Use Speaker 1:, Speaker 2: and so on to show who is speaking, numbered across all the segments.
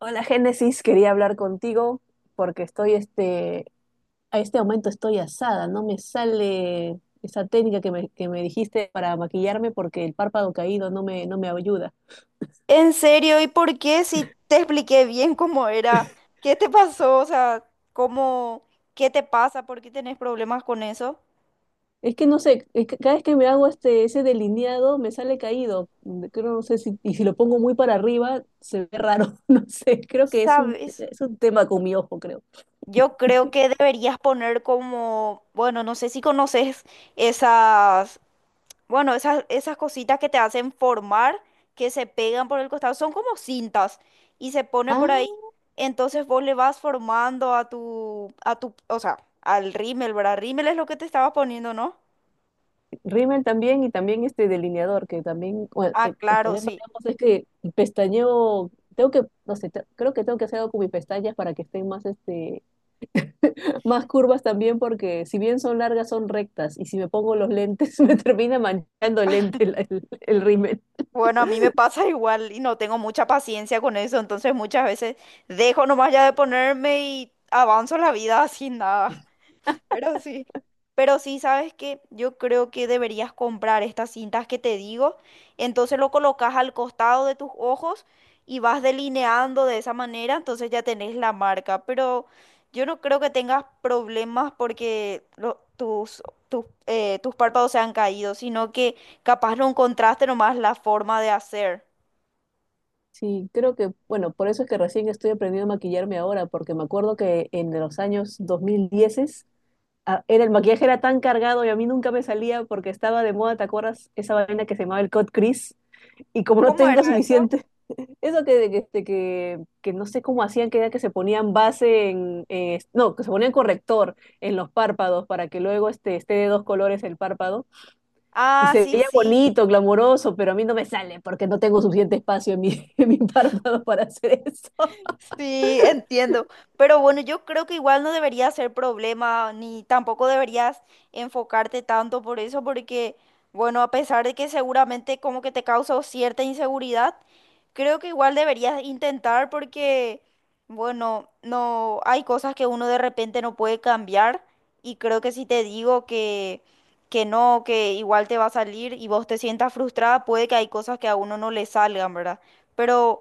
Speaker 1: Hola Génesis, quería hablar contigo porque estoy a este momento estoy asada. No me sale esa técnica que que me dijiste para maquillarme, porque el párpado caído no me ayuda.
Speaker 2: ¿En serio? ¿Y por qué? Si te expliqué bien cómo era, ¿qué te pasó? O sea, ¿cómo, qué te pasa? ¿Por qué tenés problemas con eso?
Speaker 1: Es que no sé, es que cada vez que me hago ese delineado me sale caído. Mm, creo, no sé si, y si lo pongo muy para arriba se ve raro, no sé, creo que
Speaker 2: ¿Sabes?
Speaker 1: es un tema con mi ojo, creo.
Speaker 2: Yo creo que deberías poner como, bueno, no sé si conoces esas, bueno, esas cositas que te hacen formar, que se pegan por el costado, son como cintas y se pone por ahí. Entonces vos le vas formando a tu, o sea, al rímel, ¿verdad? Rímel es lo que te estabas poniendo, ¿no?
Speaker 1: Rímel también y también este delineador, que también, bueno,
Speaker 2: Ah,
Speaker 1: el
Speaker 2: claro,
Speaker 1: problema
Speaker 2: sí.
Speaker 1: de ambos es que el pestañeo, tengo que, no sé, creo que tengo que hacer algo con mis pestañas para que estén más, más curvas también, porque si bien son largas, son rectas, y si me pongo los lentes, me termina manchando el lente, el rímel.
Speaker 2: Bueno, a mí me pasa igual y no tengo mucha paciencia con eso, entonces muchas veces dejo nomás ya de ponerme y avanzo la vida sin nada. Pero sí. Pero sí, ¿sabes qué? Yo creo que deberías comprar estas cintas que te digo. Entonces lo colocas al costado de tus ojos y vas delineando de esa manera, entonces ya tenés la marca. Pero yo no creo que tengas problemas porque lo- tus, tus párpados se han caído, sino que capaz no encontraste nomás la forma de hacer.
Speaker 1: Sí, creo que, bueno, por eso es que recién estoy aprendiendo a maquillarme ahora, porque me acuerdo que en los años 2010 el maquillaje era tan cargado y a mí nunca me salía porque estaba de moda, ¿te acuerdas? Esa vaina que se llamaba el cut crease y como no
Speaker 2: ¿Cómo era
Speaker 1: tengo
Speaker 2: eso?
Speaker 1: suficiente, eso que no sé cómo hacían, que era que se ponían base en, no, que se ponían corrector en los párpados para que luego esté de dos colores el párpado, y
Speaker 2: Ah,
Speaker 1: se
Speaker 2: sí,
Speaker 1: veía
Speaker 2: sí.
Speaker 1: bonito, glamuroso, pero a mí no me sale porque no tengo suficiente espacio en mi, en mi párpado para hacer eso.
Speaker 2: Sí, entiendo. Pero bueno, yo creo que igual no debería ser problema, ni tampoco deberías enfocarte tanto por eso, porque, bueno, a pesar de que seguramente como que te causa cierta inseguridad, creo que igual deberías intentar porque, bueno, no hay cosas que uno de repente no puede cambiar y creo que si te digo que no, que igual te va a salir y vos te sientas frustrada, puede que hay cosas que a uno no le salgan, ¿verdad? Pero...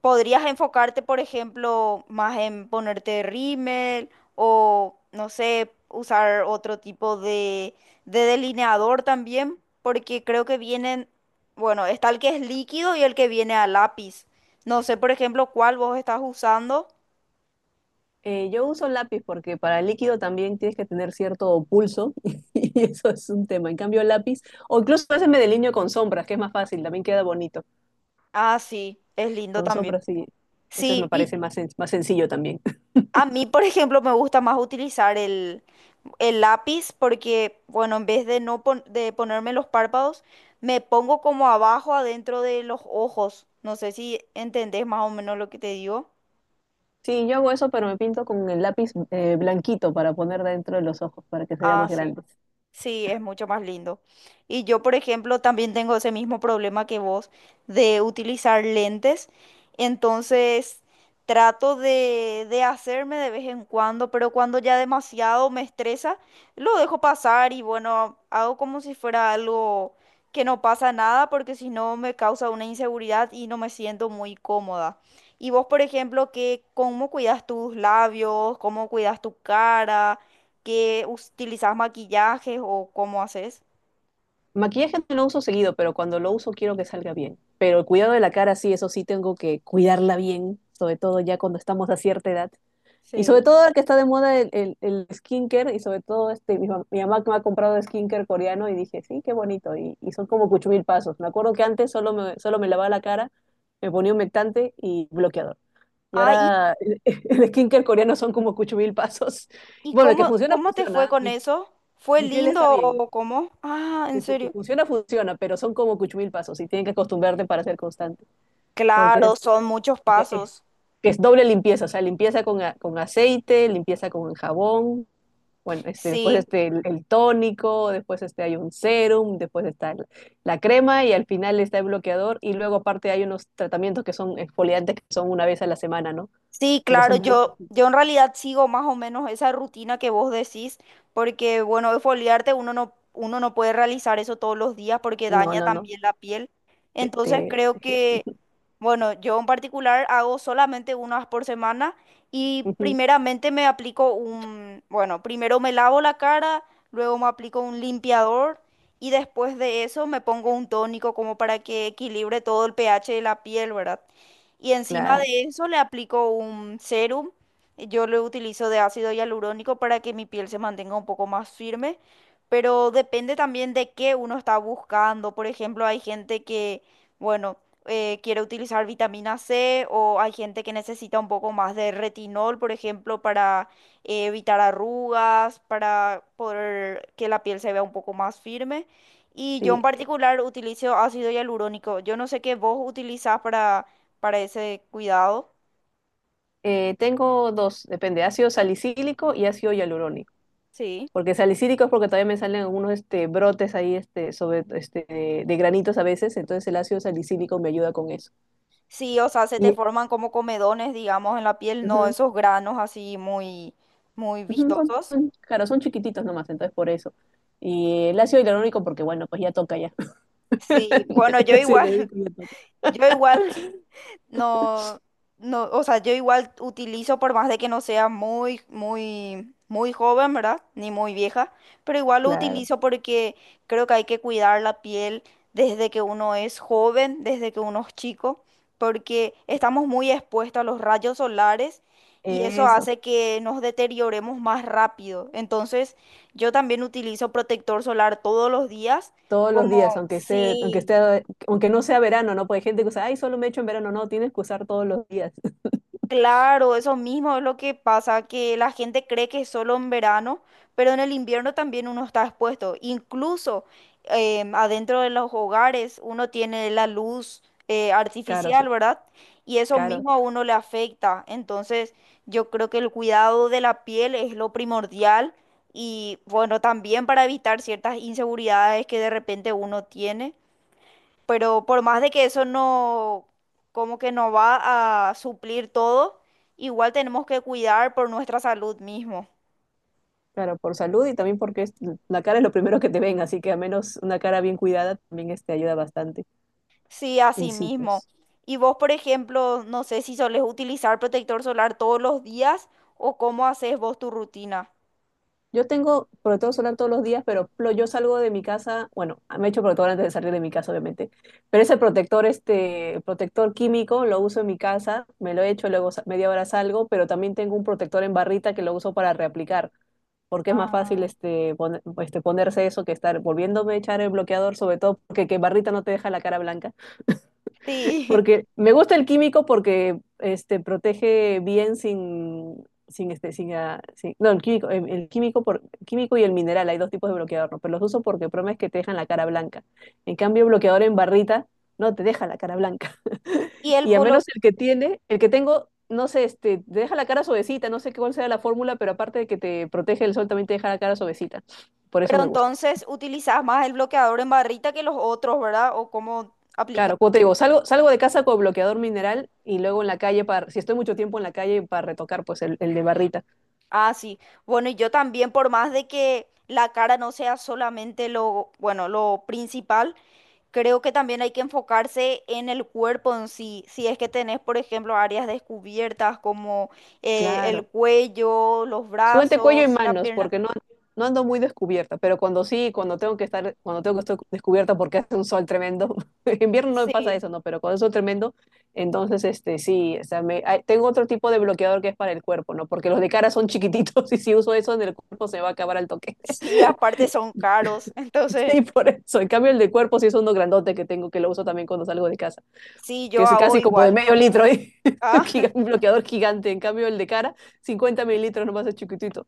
Speaker 2: Podrías enfocarte, por ejemplo, más en ponerte rímel o, no sé, usar otro tipo de delineador también, porque creo que vienen, bueno, está el que es líquido y el que viene a lápiz. No sé, por ejemplo, cuál vos estás usando.
Speaker 1: Yo uso lápiz porque para el líquido también tienes que tener cierto pulso, y eso es un tema. En cambio, lápiz, o incluso a veces me delineo con sombras, que es más fácil, también queda bonito.
Speaker 2: Ah, sí, es lindo
Speaker 1: Con
Speaker 2: también.
Speaker 1: sombra, sí. Ese
Speaker 2: Sí,
Speaker 1: me
Speaker 2: y
Speaker 1: parece más, más sencillo también.
Speaker 2: a mí, por ejemplo, me gusta más utilizar el lápiz porque, bueno, en vez de no pon- de ponerme los párpados, me pongo como abajo adentro de los ojos. No sé si entendés más o menos lo que te digo.
Speaker 1: Sí, yo hago eso, pero me pinto con el lápiz blanquito para poner dentro de los ojos, para que se vea
Speaker 2: Ah,
Speaker 1: más
Speaker 2: sí.
Speaker 1: grande.
Speaker 2: Sí, es mucho más lindo. Y yo, por ejemplo, también tengo ese mismo problema que vos de utilizar lentes. Entonces, trato de hacerme de vez en cuando, pero cuando ya demasiado me estresa, lo dejo pasar y bueno, hago como si fuera algo que no pasa nada, porque si no me causa una inseguridad y no me siento muy cómoda. Y vos, por ejemplo, ¿qué, cómo cuidas tus labios? ¿Cómo cuidas tu cara? Que utilizas maquillajes o cómo haces.
Speaker 1: Maquillaje no lo uso seguido, pero cuando lo uso quiero que salga bien. Pero el cuidado de la cara, sí, eso sí tengo que cuidarla bien, sobre todo ya cuando estamos a cierta edad. Y sobre
Speaker 2: Sí.
Speaker 1: todo ahora que está de moda el skincare, y sobre todo mi mamá que me ha comprado skincare coreano, y dije, sí, qué bonito. Y son como cuchumil pasos. Me acuerdo que antes solo me lavaba la cara, me ponía humectante y bloqueador. Y
Speaker 2: Ah,
Speaker 1: ahora el skincare coreano son como cucho mil pasos.
Speaker 2: y
Speaker 1: Bueno, el que
Speaker 2: cómo,
Speaker 1: funciona,
Speaker 2: cómo te fue
Speaker 1: funciona.
Speaker 2: con eso? ¿Fue
Speaker 1: Mi piel está
Speaker 2: lindo
Speaker 1: bien.
Speaker 2: o cómo? Ah, en
Speaker 1: Que
Speaker 2: serio.
Speaker 1: funciona, funciona, pero son como cucho mil pasos y tienen que acostumbrarte para ser constante. Porque
Speaker 2: Claro,
Speaker 1: es,
Speaker 2: son muchos
Speaker 1: porque es,
Speaker 2: pasos.
Speaker 1: que es doble limpieza, o sea, limpieza con, con aceite, limpieza con jabón. Bueno, después
Speaker 2: Sí.
Speaker 1: el tónico, después hay un serum, después está la crema y al final está el bloqueador. Y luego aparte hay unos tratamientos que son exfoliantes que son una vez a la semana, ¿no?
Speaker 2: Sí,
Speaker 1: Pero
Speaker 2: claro,
Speaker 1: son varios.
Speaker 2: yo en realidad sigo más o menos esa rutina que vos decís, porque bueno, exfoliarte uno no puede realizar eso todos los días porque
Speaker 1: No,
Speaker 2: daña
Speaker 1: no, no.
Speaker 2: también la piel.
Speaker 1: Te,
Speaker 2: Entonces creo
Speaker 1: te fío.
Speaker 2: que, bueno, yo en particular hago solamente una vez por semana y
Speaker 1: Ujú,
Speaker 2: primeramente me aplico un, bueno, primero me lavo la cara, luego me aplico un limpiador y después de eso me pongo un tónico como para que equilibre todo el pH de la piel, ¿verdad? Y encima
Speaker 1: claro,
Speaker 2: de eso le aplico un serum. Yo lo utilizo de ácido hialurónico para que mi piel se mantenga un poco más firme. Pero depende también de qué uno está buscando. Por ejemplo, hay gente que, bueno, quiere utilizar vitamina C o hay gente que necesita un poco más de retinol, por ejemplo, para evitar arrugas, para poder que la piel se vea un poco más firme. Y yo en
Speaker 1: sí.
Speaker 2: particular utilizo ácido hialurónico. Yo no sé qué vos utilizás para ese cuidado.
Speaker 1: Tengo dos, depende, ácido salicílico y ácido hialurónico.
Speaker 2: Sí.
Speaker 1: Porque salicílico es porque todavía me salen algunos brotes ahí de granitos a veces, entonces el ácido salicílico me ayuda con eso.
Speaker 2: Sí, o sea, se te
Speaker 1: Y,
Speaker 2: forman como comedones, digamos, en la piel, no
Speaker 1: ujú,
Speaker 2: esos granos así muy, muy
Speaker 1: ujú,
Speaker 2: vistosos.
Speaker 1: claro, son chiquititos nomás, entonces por eso. Y el ácido hialurónico porque, bueno, pues ya toca ya.
Speaker 2: Sí, bueno,
Speaker 1: El
Speaker 2: yo
Speaker 1: ácido
Speaker 2: igual,
Speaker 1: hialurónico me toca.
Speaker 2: yo igual No, no, o sea, yo igual utilizo por más de que no sea muy, muy, muy joven, ¿verdad? Ni muy vieja, pero igual lo
Speaker 1: Claro,
Speaker 2: utilizo porque creo que hay que cuidar la piel desde que uno es joven, desde que uno es chico, porque estamos muy expuestos a los rayos solares y eso
Speaker 1: eso.
Speaker 2: hace que nos deterioremos más rápido. Entonces, yo también utilizo protector solar todos los días,
Speaker 1: Todos los
Speaker 2: como,
Speaker 1: días, aunque sea, aunque
Speaker 2: sí.
Speaker 1: esté, aunque no sea verano, ¿no? Porque hay gente que usa, ay, solo me echo en verano, no, tienes que usar todos los días.
Speaker 2: Claro, eso mismo es lo que pasa, que la gente cree que es solo en verano, pero en el invierno también uno está expuesto. Incluso adentro de los hogares uno tiene la luz
Speaker 1: Claro,
Speaker 2: artificial,
Speaker 1: sí,
Speaker 2: ¿verdad? Y eso
Speaker 1: claro,
Speaker 2: mismo a uno le afecta. Entonces yo creo que el cuidado de la piel es lo primordial y bueno, también para evitar ciertas inseguridades que de repente uno tiene. Pero por más de que eso no, como que no va a suplir todo, igual tenemos que cuidar por nuestra salud mismo.
Speaker 1: claro, por salud y también porque la cara es lo primero que te ven, así que a menos una cara bien cuidada también ayuda bastante.
Speaker 2: Sí,
Speaker 1: Y
Speaker 2: así
Speaker 1: sí,
Speaker 2: mismo.
Speaker 1: pues.
Speaker 2: Y vos, por ejemplo, no sé si solés utilizar protector solar todos los días o cómo haces vos tu rutina.
Speaker 1: Yo tengo protector solar todos los días, pero yo salgo de mi casa, bueno, me echo protector antes de salir de mi casa, obviamente, pero ese protector, protector químico, lo uso en mi casa, me lo echo, luego media hora salgo, pero también tengo un protector en barrita que lo uso para reaplicar. Porque es más fácil
Speaker 2: Ah,
Speaker 1: ponerse eso que estar volviéndome a echar el bloqueador, sobre todo porque que barrita no te deja la cara blanca.
Speaker 2: sí.
Speaker 1: Porque me gusta el químico porque protege bien sin, sin este, sin, ah, sin- no, el químico químico y el mineral, hay dos tipos de bloqueador, ¿no? Pero los uso porque el problema es que te dejan la cara blanca. En cambio, el bloqueador en barrita no te deja la cara blanca.
Speaker 2: Y el
Speaker 1: Y a
Speaker 2: blo-
Speaker 1: menos el que tiene, el que tengo, no sé, te deja la cara suavecita, no sé cuál sea la fórmula, pero aparte de que te protege el sol, también te deja la cara suavecita. Por eso
Speaker 2: pero
Speaker 1: me gusta.
Speaker 2: entonces utilizás más el bloqueador en barrita que los otros, ¿verdad? ¿O cómo aplicas?
Speaker 1: Claro, como te digo, salgo, salgo de casa con bloqueador mineral y luego en la calle, para, si estoy mucho tiempo en la calle, para retocar pues el de barrita.
Speaker 2: Ah, sí. Bueno, y yo también, por más de que la cara no sea solamente lo, bueno, lo principal, creo que también hay que enfocarse en el cuerpo en sí. Si es que tenés, por ejemplo, áreas descubiertas como el
Speaker 1: Claro.
Speaker 2: cuello, los
Speaker 1: Súbete cuello y
Speaker 2: brazos, la
Speaker 1: manos,
Speaker 2: pierna.
Speaker 1: porque no, no ando muy descubierta, pero cuando sí, cuando tengo que estar, cuando tengo que estar descubierta porque hace un sol tremendo, en invierno no me pasa
Speaker 2: Sí.
Speaker 1: eso, no, pero cuando es sol tremendo, entonces este sí, o sea, tengo otro tipo de bloqueador que es para el cuerpo, ¿no? Porque los de cara son chiquititos y si uso eso en el cuerpo se me va a acabar al toque.
Speaker 2: Sí, aparte son caros. Entonces,
Speaker 1: Sí, por eso. En cambio, el de cuerpo sí es uno grandote que tengo, que lo uso también cuando salgo de casa.
Speaker 2: sí,
Speaker 1: Que
Speaker 2: yo
Speaker 1: es
Speaker 2: hago
Speaker 1: casi como de
Speaker 2: igual.
Speaker 1: medio litro, ¿eh? Un
Speaker 2: Ah,
Speaker 1: Un bloqueador gigante. En cambio, el de cara, 50 ml nomás, es chiquitito.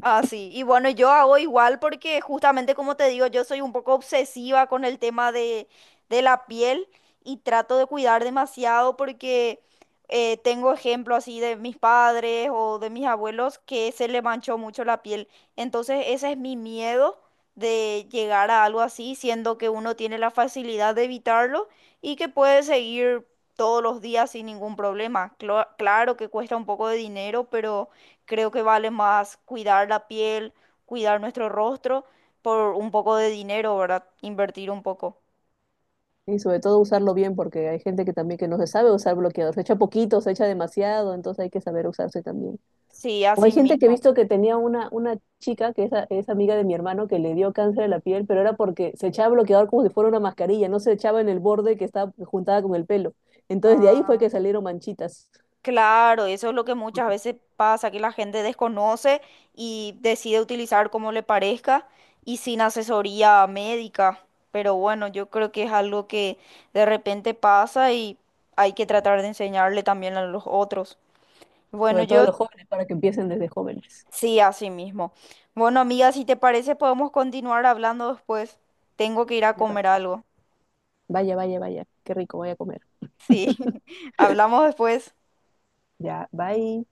Speaker 2: Ah, sí, y bueno, yo hago igual porque justamente como te digo, yo soy un poco obsesiva con el tema de la piel y trato de cuidar demasiado porque tengo ejemplos así de mis padres o de mis abuelos que se le manchó mucho la piel. Entonces ese es mi miedo de llegar a algo así, siendo que uno tiene la facilidad de evitarlo y que puede seguir todos los días sin ningún problema. Clo- claro que cuesta un poco de dinero, pero creo que vale más cuidar la piel, cuidar nuestro rostro por un poco de dinero, ¿verdad? Invertir un poco.
Speaker 1: Y sobre todo usarlo bien, porque hay gente que también que no se sabe usar bloqueador. Se echa poquito, se echa demasiado, entonces hay que saber usarse también.
Speaker 2: Sí,
Speaker 1: O hay
Speaker 2: así
Speaker 1: gente que he
Speaker 2: mismo.
Speaker 1: visto que tenía una chica, que es, es amiga de mi hermano, que le dio cáncer de la piel, pero era porque se echaba bloqueador como si fuera una mascarilla, no se echaba en el borde que estaba juntada con el pelo. Entonces de ahí fue
Speaker 2: Ah,
Speaker 1: que salieron manchitas,
Speaker 2: claro, eso es lo que muchas veces pasa, que la gente desconoce y decide utilizar como le parezca y sin asesoría médica. Pero bueno, yo creo que es algo que de repente pasa y hay que tratar de enseñarle también a los otros. Bueno,
Speaker 1: sobre todo a
Speaker 2: yo
Speaker 1: los jóvenes, para que empiecen desde jóvenes.
Speaker 2: Sí, así mismo. Bueno, amiga, si te parece, podemos continuar hablando después. Tengo que ir a
Speaker 1: Me,
Speaker 2: comer algo.
Speaker 1: vaya, vaya, vaya. Qué rico, voy a comer.
Speaker 2: Sí, hablamos después.
Speaker 1: Ya, bye.